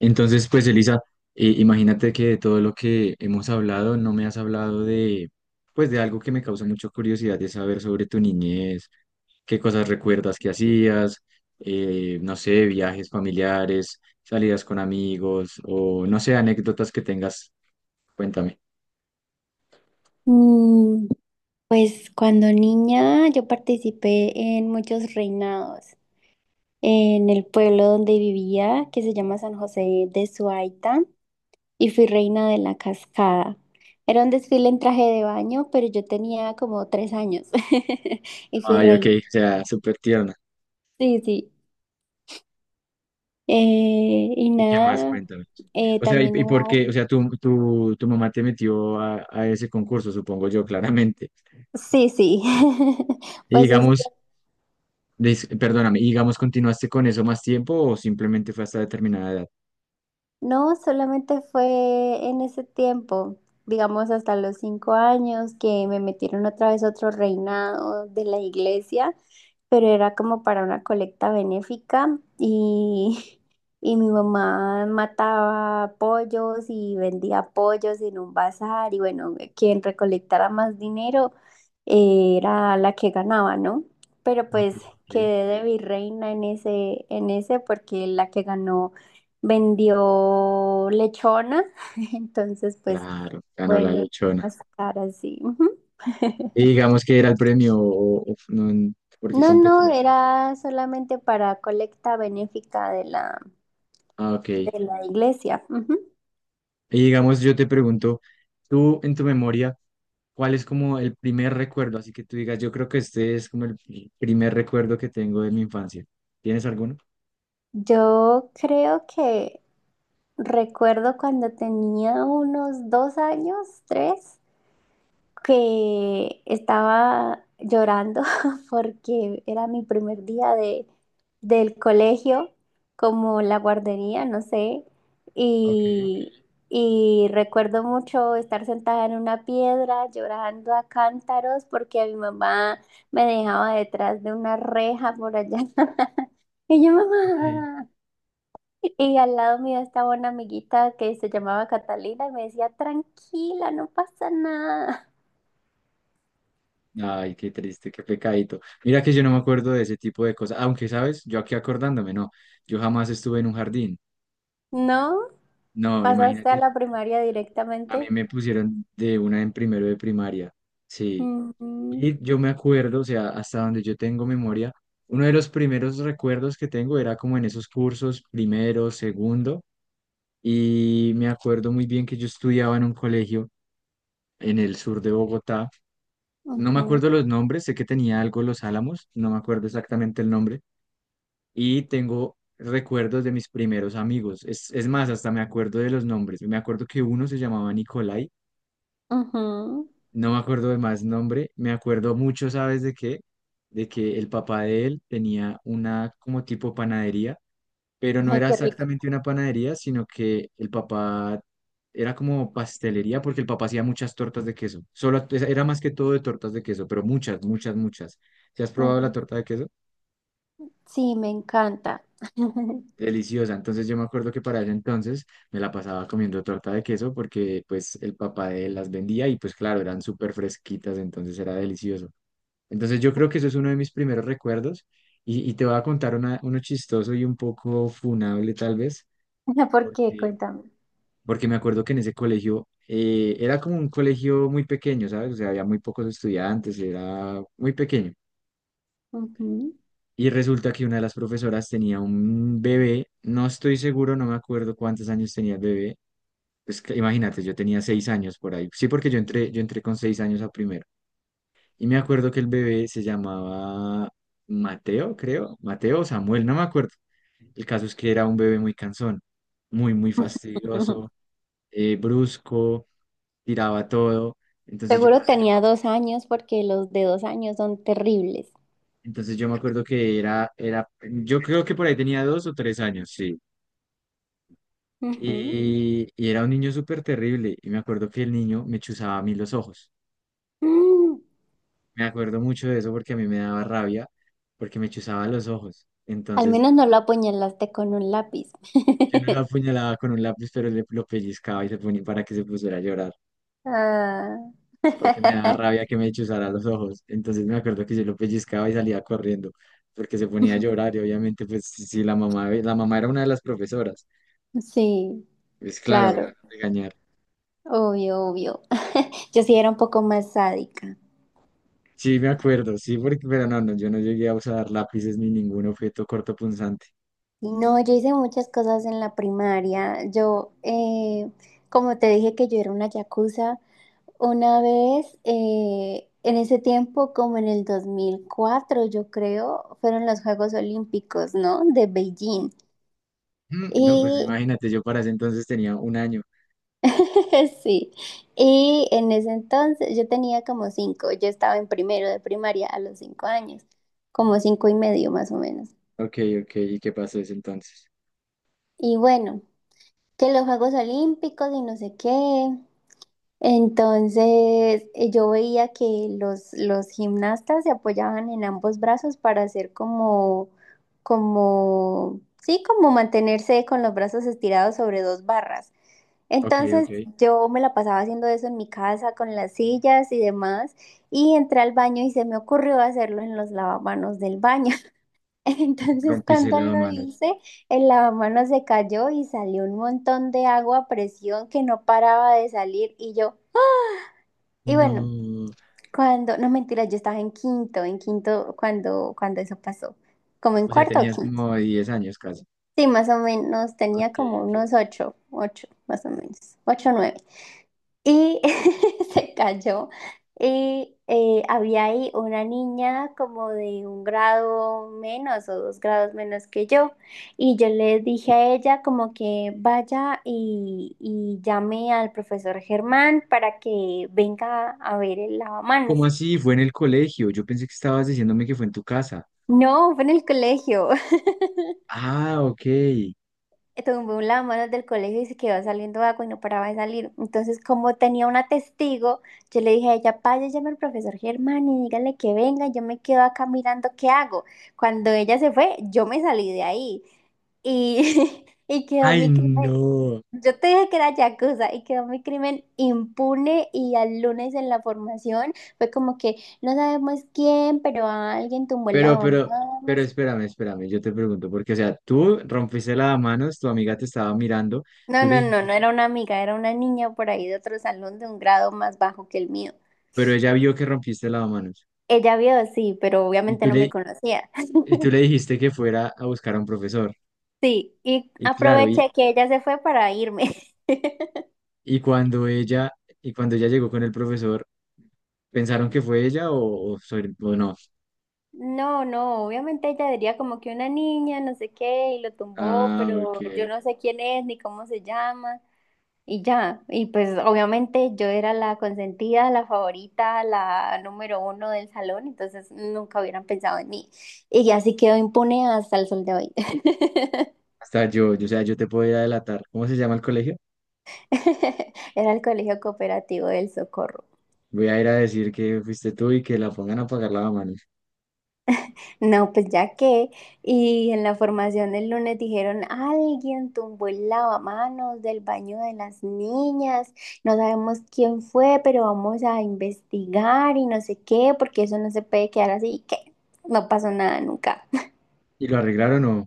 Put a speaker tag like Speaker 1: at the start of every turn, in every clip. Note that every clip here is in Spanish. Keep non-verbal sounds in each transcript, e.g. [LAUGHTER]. Speaker 1: Entonces, pues Elisa, imagínate que de todo lo que hemos hablado, no me has hablado de, pues de algo que me causa mucha curiosidad de saber sobre tu niñez, qué cosas recuerdas que hacías, no sé, viajes familiares, salidas con amigos o no sé, anécdotas que tengas, cuéntame.
Speaker 2: Mm, Pues cuando niña yo participé en muchos reinados en el pueblo donde vivía, que se llama San José de Suaita, y fui reina de la cascada. Era un desfile en traje de baño, pero yo tenía como 3 años [LAUGHS] y fui
Speaker 1: Ay, ok,
Speaker 2: reina.
Speaker 1: o sea, súper tierna.
Speaker 2: Sí, sí. Y
Speaker 1: ¿Y qué más?
Speaker 2: nada,
Speaker 1: Cuéntame. O sea, ¿y,
Speaker 2: también
Speaker 1: y por qué? O
Speaker 2: hubo...
Speaker 1: sea, tu mamá te metió a ese concurso, supongo yo, claramente.
Speaker 2: Sí, sí. [LAUGHS]
Speaker 1: Y
Speaker 2: Pues es.
Speaker 1: digamos. Perdóname, y digamos, ¿continuaste con eso más tiempo o simplemente fue hasta determinada edad?
Speaker 2: No, solamente fue en ese tiempo, digamos hasta los 5 años, que me metieron otra vez a otro reinado de la iglesia, pero era como para una colecta benéfica y, [LAUGHS] y mi mamá mataba pollos y vendía pollos en un bazar y bueno, quien recolectara más dinero era la que ganaba, ¿no? Pero
Speaker 1: Ok,
Speaker 2: pues
Speaker 1: ok.
Speaker 2: quedé de virreina en ese porque la que ganó vendió lechona, [LAUGHS] entonces pues
Speaker 1: Claro, ganó la
Speaker 2: bueno,
Speaker 1: lechona.
Speaker 2: más caras, sí. Ujú.
Speaker 1: Y
Speaker 2: [LAUGHS]
Speaker 1: digamos que era el premio o no, porque
Speaker 2: No, no,
Speaker 1: competía.
Speaker 2: era solamente para colecta benéfica
Speaker 1: Ah, ok. Y
Speaker 2: de la iglesia. Ujú.
Speaker 1: digamos, yo te pregunto, tú en tu memoria, ¿cuál es como el primer recuerdo? Así que tú digas, yo creo que este es como el primer recuerdo que tengo de mi infancia. ¿Tienes alguno?
Speaker 2: Yo creo que recuerdo cuando tenía unos 2 años, tres, que estaba llorando [LAUGHS] porque era mi primer día del colegio, como la guardería, no sé,
Speaker 1: Ok,
Speaker 2: y, y recuerdo mucho estar sentada en una piedra llorando a cántaros porque mi mamá me dejaba detrás de una reja por allá. [LAUGHS] Y yo,
Speaker 1: ok.
Speaker 2: mamá. Y al lado mío estaba una amiguita que se llamaba Catalina y me decía, tranquila, no pasa nada.
Speaker 1: Ay, qué triste, qué pecadito. Mira que yo no me acuerdo de ese tipo de cosas, aunque sabes, yo aquí acordándome, no, yo jamás estuve en un jardín.
Speaker 2: ¿No?
Speaker 1: No,
Speaker 2: ¿Pasaste a
Speaker 1: imagínate,
Speaker 2: la primaria
Speaker 1: a mí
Speaker 2: directamente?
Speaker 1: me pusieron de una en primero de primaria, sí.
Speaker 2: Ujú,
Speaker 1: Y yo me acuerdo, o sea, hasta donde yo tengo memoria, uno de los primeros recuerdos que tengo era como en esos cursos, primero, segundo, y me acuerdo muy bien que yo estudiaba en un colegio en el sur de Bogotá. No me
Speaker 2: ujú,
Speaker 1: acuerdo los nombres, sé que tenía algo Los Álamos, no me acuerdo exactamente el nombre y tengo recuerdos de mis primeros amigos. Es más, hasta me acuerdo de los nombres. Me acuerdo que uno se llamaba Nicolai,
Speaker 2: ujú.
Speaker 1: no me acuerdo de más nombre. Me acuerdo mucho, ¿sabes de qué? De que el papá de él tenía una como tipo panadería, pero no
Speaker 2: Ay,
Speaker 1: era
Speaker 2: qué rico.
Speaker 1: exactamente una panadería, sino que el papá era como pastelería porque el papá hacía muchas tortas de queso. Solo era más que todo de tortas de queso, pero muchas, muchas, muchas. ¿Se has probado la
Speaker 2: Ujú.
Speaker 1: torta de queso?
Speaker 2: Sí, me encanta. [LAUGHS]
Speaker 1: Deliciosa. Entonces yo me acuerdo que para ese entonces me la pasaba comiendo torta de queso porque pues el papá de él las vendía y pues claro, eran súper fresquitas, entonces era delicioso. Entonces yo creo que eso es uno de mis primeros recuerdos y te voy a contar uno chistoso y un poco funable tal vez,
Speaker 2: ¿Por qué?
Speaker 1: porque,
Speaker 2: Cuéntame.
Speaker 1: porque me acuerdo que en ese colegio era como un colegio muy pequeño, ¿sabes? O sea, había muy pocos estudiantes, era muy pequeño.
Speaker 2: Ujú.
Speaker 1: Y resulta que una de las profesoras tenía un bebé, no estoy seguro, no me acuerdo cuántos años tenía el bebé, imagínate, yo tenía 6 años por ahí. Sí, porque yo entré con 6 años a primero. Y me acuerdo que el bebé se llamaba Mateo, creo. Mateo o Samuel, no me acuerdo. El caso es que era un bebé muy cansón, muy fastidioso,
Speaker 2: [LAUGHS]
Speaker 1: brusco, tiraba todo. Entonces yo,
Speaker 2: Seguro tenía 2 años porque los de dos años son terribles.
Speaker 1: entonces yo me acuerdo que era, yo creo que por ahí tenía 2 o 3 años, sí.
Speaker 2: Ujú.
Speaker 1: Y era un niño súper terrible. Y me acuerdo que el niño me chuzaba a mí los ojos.
Speaker 2: Mm.
Speaker 1: Me acuerdo mucho de eso porque a mí me daba rabia, porque me chuzaba los ojos.
Speaker 2: Al
Speaker 1: Entonces,
Speaker 2: menos no lo apuñalaste con un lápiz.
Speaker 1: yo no
Speaker 2: [LAUGHS]
Speaker 1: lo apuñalaba con un lápiz, pero lo pellizcaba y se ponía para que se pusiera a llorar,
Speaker 2: Ah.
Speaker 1: porque me daba
Speaker 2: [LAUGHS]
Speaker 1: rabia que me chuzara los ojos. Entonces, me acuerdo que yo lo pellizcaba y salía corriendo, porque se ponía a llorar. Y obviamente, pues, si la mamá, la mamá era una de las profesoras,
Speaker 2: Sí,
Speaker 1: pues claro, me iban a
Speaker 2: claro,
Speaker 1: regañar.
Speaker 2: obvio, obvio. [LAUGHS] Yo sí era un poco más sádica.
Speaker 1: Sí, me acuerdo, sí, pero no, no, yo no llegué a usar lápices ni ningún objeto cortopunzante.
Speaker 2: Y no, yo hice muchas cosas en la primaria. Yo, como te dije que yo era una yakuza, una vez, en ese tiempo, como en el 2004, yo creo, fueron los Juegos Olímpicos, ¿no? De Beijing.
Speaker 1: Mm, no, pues
Speaker 2: Y
Speaker 1: imagínate, yo para ese entonces tenía 1 año.
Speaker 2: [LAUGHS] sí, y en ese entonces yo tenía como cinco, yo estaba en primero de primaria a los 5 años, como cinco y medio más o menos.
Speaker 1: Ok, ok. ¿Y qué pasó desde entonces?
Speaker 2: Y bueno, que los Juegos Olímpicos y no sé qué. Entonces, yo veía que los gimnastas se apoyaban en ambos brazos para hacer como, como, sí, como mantenerse con los brazos estirados sobre dos barras.
Speaker 1: Ok, ok.
Speaker 2: Entonces, yo me la pasaba haciendo eso en mi casa con las sillas y demás, y entré al baño y se me ocurrió hacerlo en los lavamanos del baño. [LAUGHS] Entonces,
Speaker 1: Rompiste el
Speaker 2: cuando lo
Speaker 1: manos.
Speaker 2: hice, el lavamanos se cayó y salió un montón de agua a presión que no paraba de salir y yo... Y bueno,
Speaker 1: No.
Speaker 2: cuando, no mentira, yo estaba en quinto cuando, cuando eso pasó, como en
Speaker 1: O sea,
Speaker 2: cuarto o
Speaker 1: tenías
Speaker 2: quinto.
Speaker 1: como 10 años casi.
Speaker 2: Sí, más o menos, tenía
Speaker 1: Ok,
Speaker 2: como
Speaker 1: ok.
Speaker 2: unos ocho, ocho, más o menos, ocho, nueve. Y [LAUGHS] se cayó. Y había ahí una niña como de un grado menos o dos grados menos que yo. Y yo le dije a ella como que vaya y llame al profesor Germán para que venga a ver el
Speaker 1: ¿Cómo
Speaker 2: lavamanos.
Speaker 1: así? Fue en el colegio. Yo pensé que estabas diciéndome que fue en tu casa.
Speaker 2: No, fue en el colegio.
Speaker 1: Ah, ok.
Speaker 2: [LAUGHS] Tomé un lavamanos del colegio y se quedó saliendo agua y no paraba de salir. Entonces, como tenía una testigo, yo le dije a ella, vaya, llame al profesor Germán y dígale que venga, yo me quedo acá mirando qué hago. Cuando ella se fue, yo me salí de ahí y, [LAUGHS] y quedó
Speaker 1: Ay,
Speaker 2: mi crimen.
Speaker 1: no.
Speaker 2: Yo te dije que era yakuza y quedó mi crimen impune y al lunes en la formación fue como que no sabemos quién, pero alguien tumbó el
Speaker 1: Pero, pero, pero
Speaker 2: lavamanos.
Speaker 1: espérame, espérame. Yo te pregunto, porque, o sea, tú rompiste el manos, tu amiga te estaba mirando,
Speaker 2: No,
Speaker 1: tú le
Speaker 2: no, no,
Speaker 1: dijiste,
Speaker 2: no era una amiga, era una niña por ahí de otro salón de un grado más bajo que el mío.
Speaker 1: pero ella vio que rompiste el manos.
Speaker 2: Ella vio, sí, pero
Speaker 1: Y
Speaker 2: obviamente
Speaker 1: tú
Speaker 2: no me
Speaker 1: le,
Speaker 2: conocía.
Speaker 1: y tú
Speaker 2: [LAUGHS]
Speaker 1: le dijiste que fuera a buscar a un profesor.
Speaker 2: Sí, y
Speaker 1: Y claro,
Speaker 2: aproveché que ella se fue para irme. [LAUGHS]
Speaker 1: Y cuando ella, y cuando ella llegó con el profesor, ¿pensaron que fue ella o o no?
Speaker 2: No, no, obviamente ella diría como que una niña, no sé qué, y lo tumbó,
Speaker 1: Ah, ok.
Speaker 2: pero yo no sé quién es ni cómo se llama. Y ya, y pues obviamente yo era la consentida, la favorita, la número uno del salón, entonces nunca hubieran pensado en mí. Y así quedó impune hasta el sol de hoy.
Speaker 1: Hasta yo, o sea, yo te puedo ir a delatar. ¿Cómo se llama el colegio?
Speaker 2: [LAUGHS] Era el colegio cooperativo del Socorro.
Speaker 1: Voy a ir a decir que fuiste tú y que la pongan a pagar la mano.
Speaker 2: No, pues ya que, y en la formación del lunes dijeron, alguien tumbó el lavamanos del baño de las niñas, no sabemos quién fue, pero vamos a investigar y no sé qué, porque eso no se puede quedar así, que no pasó nada nunca.
Speaker 1: ¿Y lo arreglaron o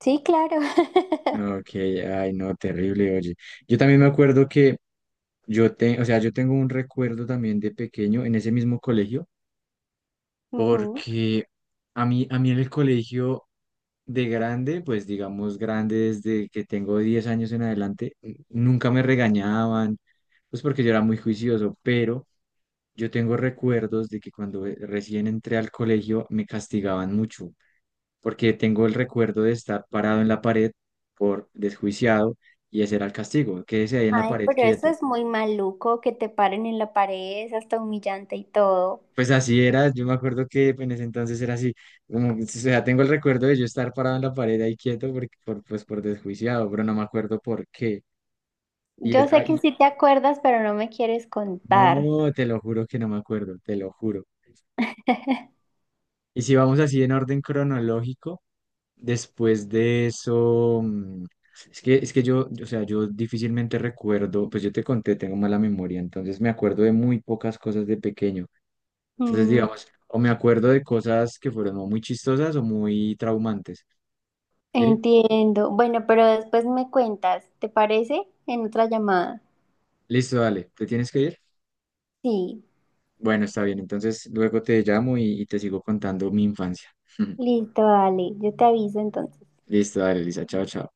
Speaker 2: Sí, claro. [LAUGHS]
Speaker 1: no? Ok, ay, no, terrible, oye. Yo también me acuerdo que o sea, yo tengo un recuerdo también de pequeño en ese mismo colegio.
Speaker 2: Ujú.
Speaker 1: Porque a mí en el colegio de grande, pues digamos grande desde que tengo 10 años en adelante, nunca me regañaban, pues porque yo era muy juicioso, pero yo tengo recuerdos de que cuando recién entré al colegio me castigaban mucho, porque tengo el recuerdo de estar parado en la pared por desjuiciado y ese era el castigo, quédese ahí en la
Speaker 2: Ay,
Speaker 1: pared
Speaker 2: pero eso
Speaker 1: quieto.
Speaker 2: es muy maluco, que te paren en la pared, es hasta humillante y todo.
Speaker 1: Pues así era, yo me acuerdo que en ese entonces era así, como, o sea, tengo el recuerdo de yo estar parado en la pared ahí quieto pues por desjuiciado, pero no me acuerdo por qué. Y
Speaker 2: Yo
Speaker 1: es,
Speaker 2: sé que
Speaker 1: ay,
Speaker 2: sí te acuerdas, pero no me quieres contar.
Speaker 1: no, te lo juro que no me acuerdo, te lo juro.
Speaker 2: [LAUGHS]
Speaker 1: Y si vamos así en orden cronológico, después de eso, es que yo, o sea, yo difícilmente recuerdo, pues yo te conté, tengo mala memoria, entonces me acuerdo de muy pocas cosas de pequeño. Entonces,
Speaker 2: Mm.
Speaker 1: digamos, o me acuerdo de cosas que fueron o muy chistosas o muy traumantes. Sí,
Speaker 2: Entiendo. Bueno, pero después me cuentas, ¿te parece? En otra llamada.
Speaker 1: listo, dale. ¿Te tienes que ir?
Speaker 2: Sí,
Speaker 1: Bueno, está bien. Entonces luego te llamo y te sigo contando mi infancia. [LAUGHS]
Speaker 2: listo, dale. Yo te aviso entonces.
Speaker 1: Listo, dale, Lisa. Chao, chao.